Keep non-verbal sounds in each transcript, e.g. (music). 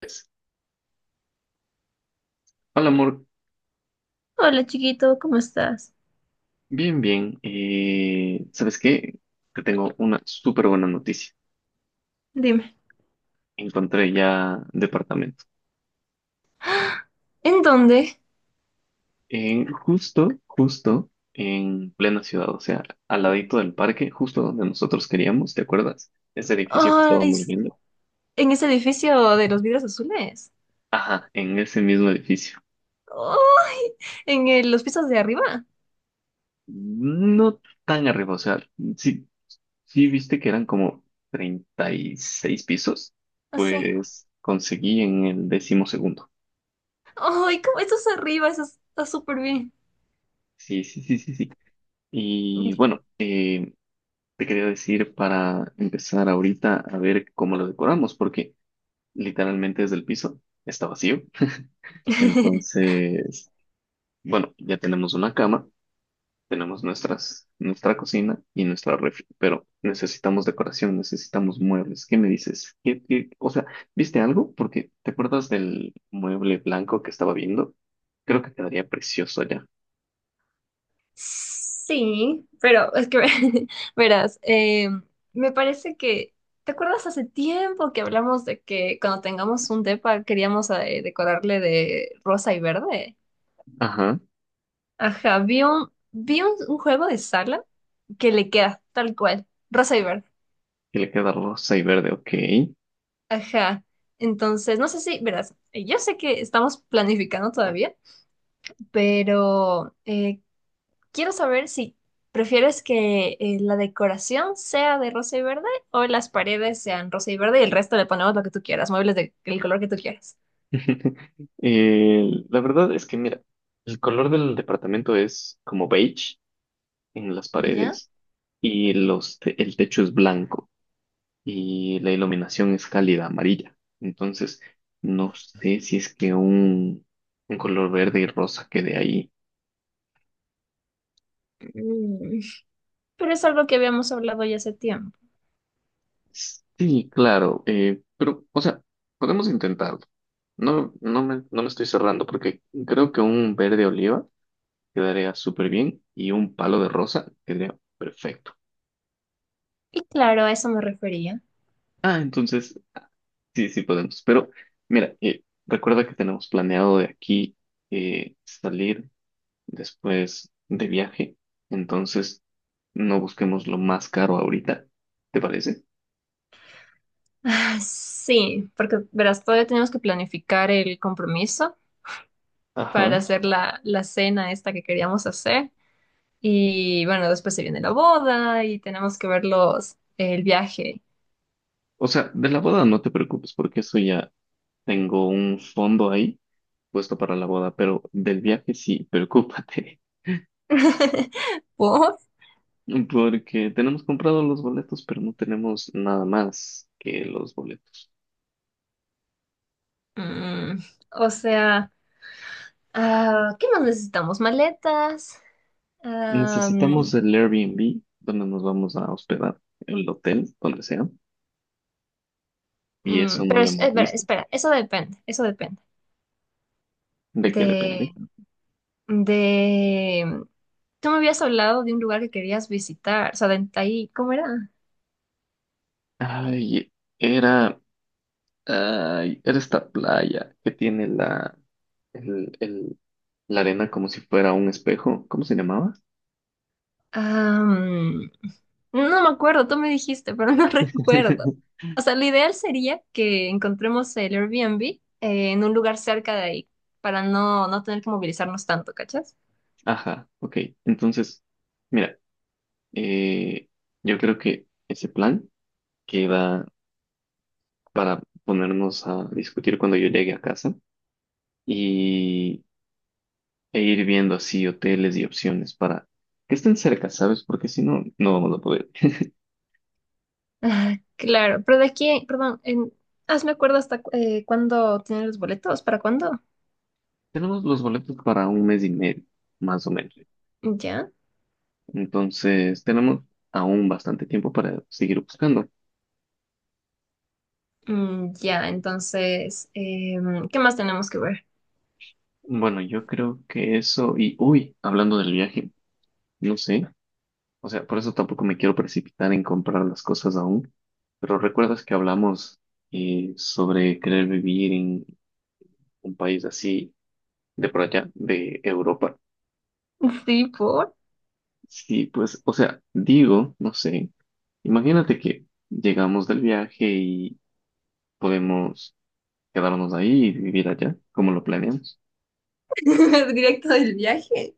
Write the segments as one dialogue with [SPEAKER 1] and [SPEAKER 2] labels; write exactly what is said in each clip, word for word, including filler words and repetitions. [SPEAKER 1] Pues, hola amor,
[SPEAKER 2] Hola chiquito, ¿cómo estás?
[SPEAKER 1] bien, bien. Eh, ¿sabes qué? Te tengo una súper buena noticia.
[SPEAKER 2] Dime,
[SPEAKER 1] Encontré ya departamento.
[SPEAKER 2] ¿en dónde?
[SPEAKER 1] En- justo, justo en plena ciudad, o sea, al ladito del parque, justo donde nosotros queríamos, ¿te acuerdas? Ese edificio que
[SPEAKER 2] Ay,
[SPEAKER 1] estábamos
[SPEAKER 2] s-
[SPEAKER 1] viendo.
[SPEAKER 2] en ese edificio de los vidrios azules.
[SPEAKER 1] Ajá, en ese mismo edificio.
[SPEAKER 2] Ay, en el- los pisos de arriba.
[SPEAKER 1] No tan arriba, o sea, sí, sí viste que eran como treinta y seis pisos,
[SPEAKER 2] Así.
[SPEAKER 1] pues conseguí en el décimo segundo.
[SPEAKER 2] Ay, ¿cómo estás arriba? Eso está súper bien.
[SPEAKER 1] Sí, sí, sí, sí, sí. Y
[SPEAKER 2] Y-
[SPEAKER 1] bueno, eh, te quería decir para empezar ahorita a ver cómo lo decoramos, porque literalmente desde el piso está vacío. (laughs)
[SPEAKER 2] (laughs)
[SPEAKER 1] Entonces, bueno, ya tenemos una cama, tenemos nuestras, nuestra cocina y nuestra refri, pero necesitamos decoración, necesitamos muebles. ¿Qué me dices? ¿Qué- qué- o sea, ¿viste algo? Porque ¿te acuerdas del mueble blanco que estaba viendo? Creo que quedaría precioso allá.
[SPEAKER 2] Sí, pero es que (laughs) verás, eh, me parece que ¿te acuerdas hace tiempo que hablamos de que cuando tengamos un depa queríamos eh, decorarle de rosa y verde?
[SPEAKER 1] Ajá,
[SPEAKER 2] Ajá, vi un, vi un, un juego de sala que le queda tal cual, rosa y verde.
[SPEAKER 1] que le queda rosa y verde, ok.
[SPEAKER 2] Ajá. Entonces, no sé si, verás, eh, yo sé que estamos planificando todavía, pero eh, quiero saber si prefieres que eh, la decoración sea de rosa y verde o las paredes sean rosa y verde y el resto le ponemos lo que tú quieras, muebles de- del color que tú quieras.
[SPEAKER 1] (laughs) Eh, la verdad es que, mira, el color del departamento es como beige en las
[SPEAKER 2] ¿Ya?
[SPEAKER 1] paredes y los te- el techo es blanco y la iluminación es cálida amarilla. Entonces, no sé si es que un, un color verde y rosa quede ahí.
[SPEAKER 2] Mm, pero es algo que habíamos hablado ya hace tiempo.
[SPEAKER 1] Sí, claro, eh, pero, o sea, podemos intentarlo. No, no me, no me estoy cerrando porque creo que un verde oliva quedaría súper bien y un palo de rosa quedaría perfecto.
[SPEAKER 2] Y claro, a eso me refería.
[SPEAKER 1] Ah, entonces sí, sí podemos. Pero mira, eh, recuerda que tenemos planeado de aquí eh, salir después de viaje. Entonces no busquemos lo más caro ahorita. ¿Te parece?
[SPEAKER 2] Ah, sí, porque verás, todavía tenemos que planificar el compromiso para
[SPEAKER 1] Ajá.
[SPEAKER 2] hacer la, la cena esta que queríamos hacer. Y bueno, después se viene la boda y tenemos que ver los, el viaje.
[SPEAKER 1] O sea, de la boda no te preocupes porque eso ya tengo un fondo ahí puesto para la boda, pero del viaje sí, preocúpate.
[SPEAKER 2] (laughs) ¿Por?
[SPEAKER 1] (laughs) Porque tenemos comprado los boletos, pero no tenemos nada más que los boletos.
[SPEAKER 2] Mm, o sea, ah, ¿qué más necesitamos? Maletas.
[SPEAKER 1] Necesitamos
[SPEAKER 2] Am,
[SPEAKER 1] el Airbnb donde nos vamos a hospedar, el hotel, donde sea,
[SPEAKER 2] mm,
[SPEAKER 1] y eso
[SPEAKER 2] mm,
[SPEAKER 1] no
[SPEAKER 2] pero
[SPEAKER 1] lo
[SPEAKER 2] es-
[SPEAKER 1] hemos
[SPEAKER 2] es ver,
[SPEAKER 1] visto.
[SPEAKER 2] espera, eso depende, eso depende
[SPEAKER 1] ¿De qué depende?
[SPEAKER 2] de, de... Tú me habías hablado de un lugar que querías visitar, o sea, de ahí, ¿cómo era?
[SPEAKER 1] Ay, era, ay, era esta playa que tiene la, el, el- la arena como si fuera un espejo. ¿Cómo se llamaba?
[SPEAKER 2] Am, no me acuerdo, tú me dijiste, pero no (laughs) recuerdo.
[SPEAKER 1] (laughs)
[SPEAKER 2] O sea, lo ideal sería que encontremos el Airbnb eh, en un lugar cerca de ahí, para no, no tener que movilizarnos tanto, ¿cachas?
[SPEAKER 1] Ajá, ok. Entonces, mira, eh, yo creo que ese plan queda para ponernos a discutir cuando yo llegue a casa e ir viendo así hoteles y opciones para que estén cerca, ¿sabes? Porque si no, no vamos a poder.
[SPEAKER 2] Ah, claro, pero de aquí, perdón, en, hazme acuerdo hasta cu- eh, cuándo tienen los boletos, ¿para cuándo?
[SPEAKER 1] Tenemos los boletos para un mes y medio, más o menos.
[SPEAKER 2] ¿Ya?
[SPEAKER 1] Entonces, tenemos aún bastante tiempo para seguir buscando.
[SPEAKER 2] Mm, ya, entonces, em, ¿qué más tenemos que ver?
[SPEAKER 1] Bueno, yo creo que eso, y uy, hablando del viaje, no sé, o sea, por eso tampoco me quiero precipitar en comprar las cosas aún, pero recuerdas que hablamos eh, sobre querer vivir en un país así de por allá, de Europa.
[SPEAKER 2] (laughs) Sí,
[SPEAKER 1] Sí, pues, o sea, digo, no sé, imagínate que llegamos del viaje y podemos quedarnos ahí y vivir allá, como lo planeamos.
[SPEAKER 2] (laughs) directo del viaje.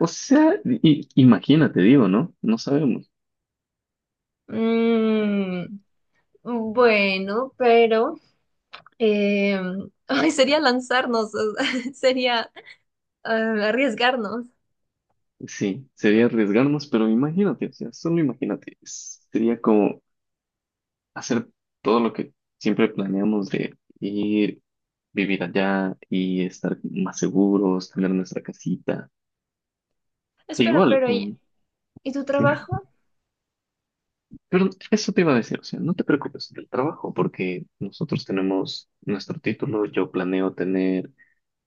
[SPEAKER 1] O sea, i- imagínate, digo, ¿no? No sabemos.
[SPEAKER 2] Mm, bueno, pero eh, (laughs) ay, sería lanzarnos, o sea, (laughs) sería eh, arriesgarnos.
[SPEAKER 1] Sí, sería arriesgarnos, pero imagínate, o sea, solo imagínate, es- sería como hacer todo lo que siempre planeamos de ir, vivir allá y estar más seguros, tener nuestra casita. E
[SPEAKER 2] Espera,
[SPEAKER 1] igual,
[SPEAKER 2] pero
[SPEAKER 1] con...
[SPEAKER 2] ¿y, y tu
[SPEAKER 1] (laughs)
[SPEAKER 2] trabajo?
[SPEAKER 1] Pero eso te iba a decir, o sea, no te preocupes del trabajo porque nosotros tenemos nuestro título, yo planeo tener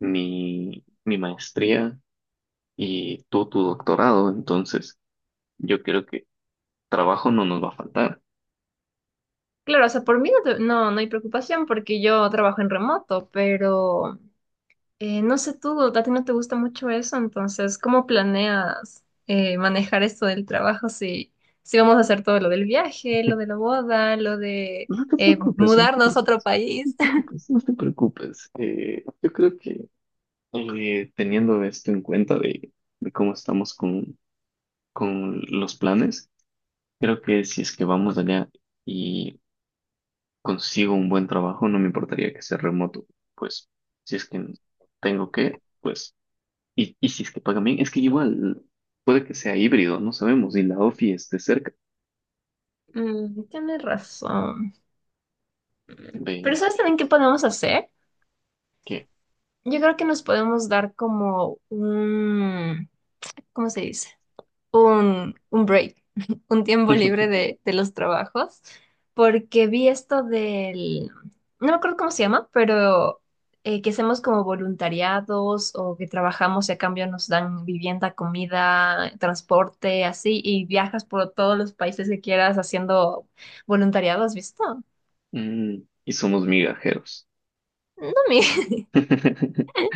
[SPEAKER 1] mi, mi maestría y tú tu doctorado, entonces yo creo que trabajo no nos va a faltar.
[SPEAKER 2] Claro, o sea, por mí no, te- no, no hay preocupación porque yo trabajo en remoto, pero eh, no sé tú, a ti no te gusta mucho eso, entonces, ¿cómo planeas eh, manejar esto del trabajo si, si vamos a hacer todo lo del viaje, lo de
[SPEAKER 1] (laughs)
[SPEAKER 2] la boda, lo de
[SPEAKER 1] No te
[SPEAKER 2] eh,
[SPEAKER 1] preocupes, no te, pre-
[SPEAKER 2] mudarnos a otro
[SPEAKER 1] no te
[SPEAKER 2] país? (laughs)
[SPEAKER 1] preocupes, no te preocupes. Eh, yo creo que eh, teniendo esto en cuenta de, de cómo estamos con, con los planes, creo que si es que vamos allá y consigo un buen trabajo, no me importaría que sea remoto, pues si es que tengo que, pues, y, y si es que pagan bien, es que igual puede que sea híbrido, no sabemos, y la ofi esté cerca,
[SPEAKER 2] Mm, tienes razón. Pero
[SPEAKER 1] ¿ves?
[SPEAKER 2] ¿sabes también qué podemos hacer?
[SPEAKER 1] ¿Qué?
[SPEAKER 2] Yo creo que nos podemos dar como un, ¿cómo se dice? un, un break, (laughs) un tiempo libre
[SPEAKER 1] (laughs)
[SPEAKER 2] de, de los trabajos, porque vi esto del, no me acuerdo cómo se llama, pero eh, que hacemos como voluntariados o que trabajamos y a cambio nos dan vivienda, comida, transporte, así, y viajas por todos los países que quieras haciendo voluntariados visto?
[SPEAKER 1] Mm, y somos migajeros.
[SPEAKER 2] No, mi.
[SPEAKER 1] (laughs)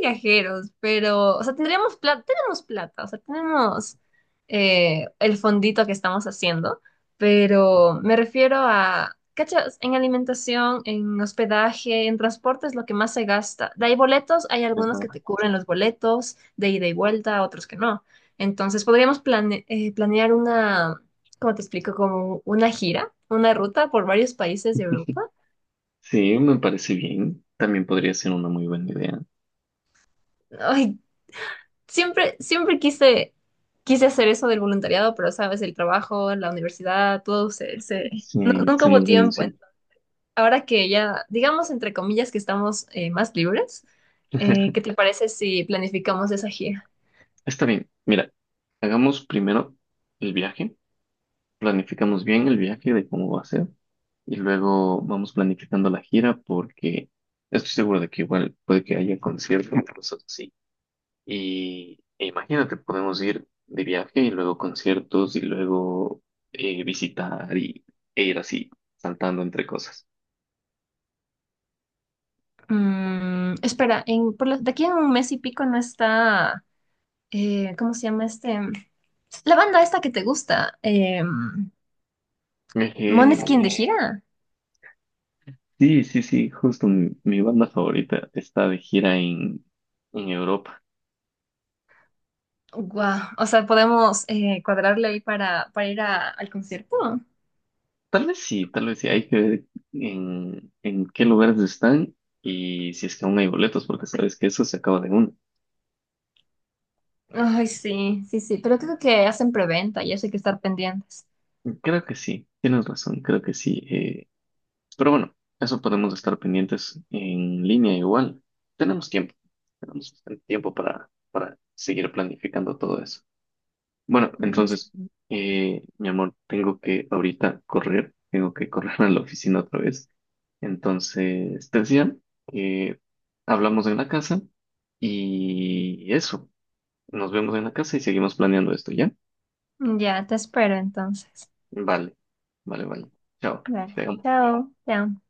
[SPEAKER 2] Viajeros, pero, o sea, tendríamos plata, tenemos plata, o sea, tenemos eh, el fondito que estamos haciendo, pero me refiero a, ¿cachas? En alimentación, en hospedaje, en transporte es lo que más se gasta. De ahí boletos, hay
[SPEAKER 1] Pues
[SPEAKER 2] algunos que
[SPEAKER 1] nada.
[SPEAKER 2] te cubren los boletos de ida y vuelta, otros que no. Entonces, podríamos plane- eh, planear una, ¿cómo te explico? Como una gira, una ruta por varios países de Europa.
[SPEAKER 1] Sí, me parece bien, también podría ser una muy buena idea.
[SPEAKER 2] Ay, Siempre, siempre quise, quise hacer eso del voluntariado, pero sabes, el trabajo, la universidad, todo se, se-
[SPEAKER 1] Sí,
[SPEAKER 2] Nunca
[SPEAKER 1] se
[SPEAKER 2] hubo
[SPEAKER 1] nos viene
[SPEAKER 2] tiempo.
[SPEAKER 1] encima.
[SPEAKER 2] Ahora que ya, digamos, entre comillas, que estamos eh, más libres, eh, ¿qué
[SPEAKER 1] (laughs)
[SPEAKER 2] te parece si planificamos esa gira?
[SPEAKER 1] Está bien, mira, hagamos primero el viaje. Planificamos bien el viaje de cómo va a ser y luego vamos planificando la gira porque estoy seguro de que igual puede que haya conciertos y cosas así. Y e imagínate, podemos ir de viaje y luego conciertos y luego eh, visitar y, e ir así, saltando entre cosas.
[SPEAKER 2] Mm, espera, en, por lo- de aquí en un mes y pico no está, eh, ¿cómo se llama este? La banda esta que te gusta, eh, Måneskin de
[SPEAKER 1] Eh,
[SPEAKER 2] gira.
[SPEAKER 1] sí, sí, sí, justo mi, mi banda favorita está de gira en, en Europa.
[SPEAKER 2] Guau, o sea, podemos eh, cuadrarle ahí para, para ir a- al concierto.
[SPEAKER 1] Tal vez sí, tal vez sí. Hay que ver en, en qué lugares están y si es que aún hay boletos, porque sabes que eso se acaba de uno.
[SPEAKER 2] Ay, sí, sí, sí, pero creo que hacen preventa y eso hay que estar pendientes.
[SPEAKER 1] Creo que sí, tienes razón, creo que sí. Eh, pero bueno, eso podemos estar pendientes en línea igual. Tenemos tiempo, tenemos bastante tiempo para, para seguir planificando todo eso. Bueno,
[SPEAKER 2] Mm,
[SPEAKER 1] entonces, eh, mi amor, tengo que ahorita correr, tengo que correr a la oficina otra vez. Entonces, te decía que hablamos en la casa y eso, nos vemos en la casa y seguimos planeando esto, ¿ya?
[SPEAKER 2] ya, te espero entonces.
[SPEAKER 1] Vale, vale, vale. Chao,
[SPEAKER 2] Dale,
[SPEAKER 1] te dejo.
[SPEAKER 2] chao, chao.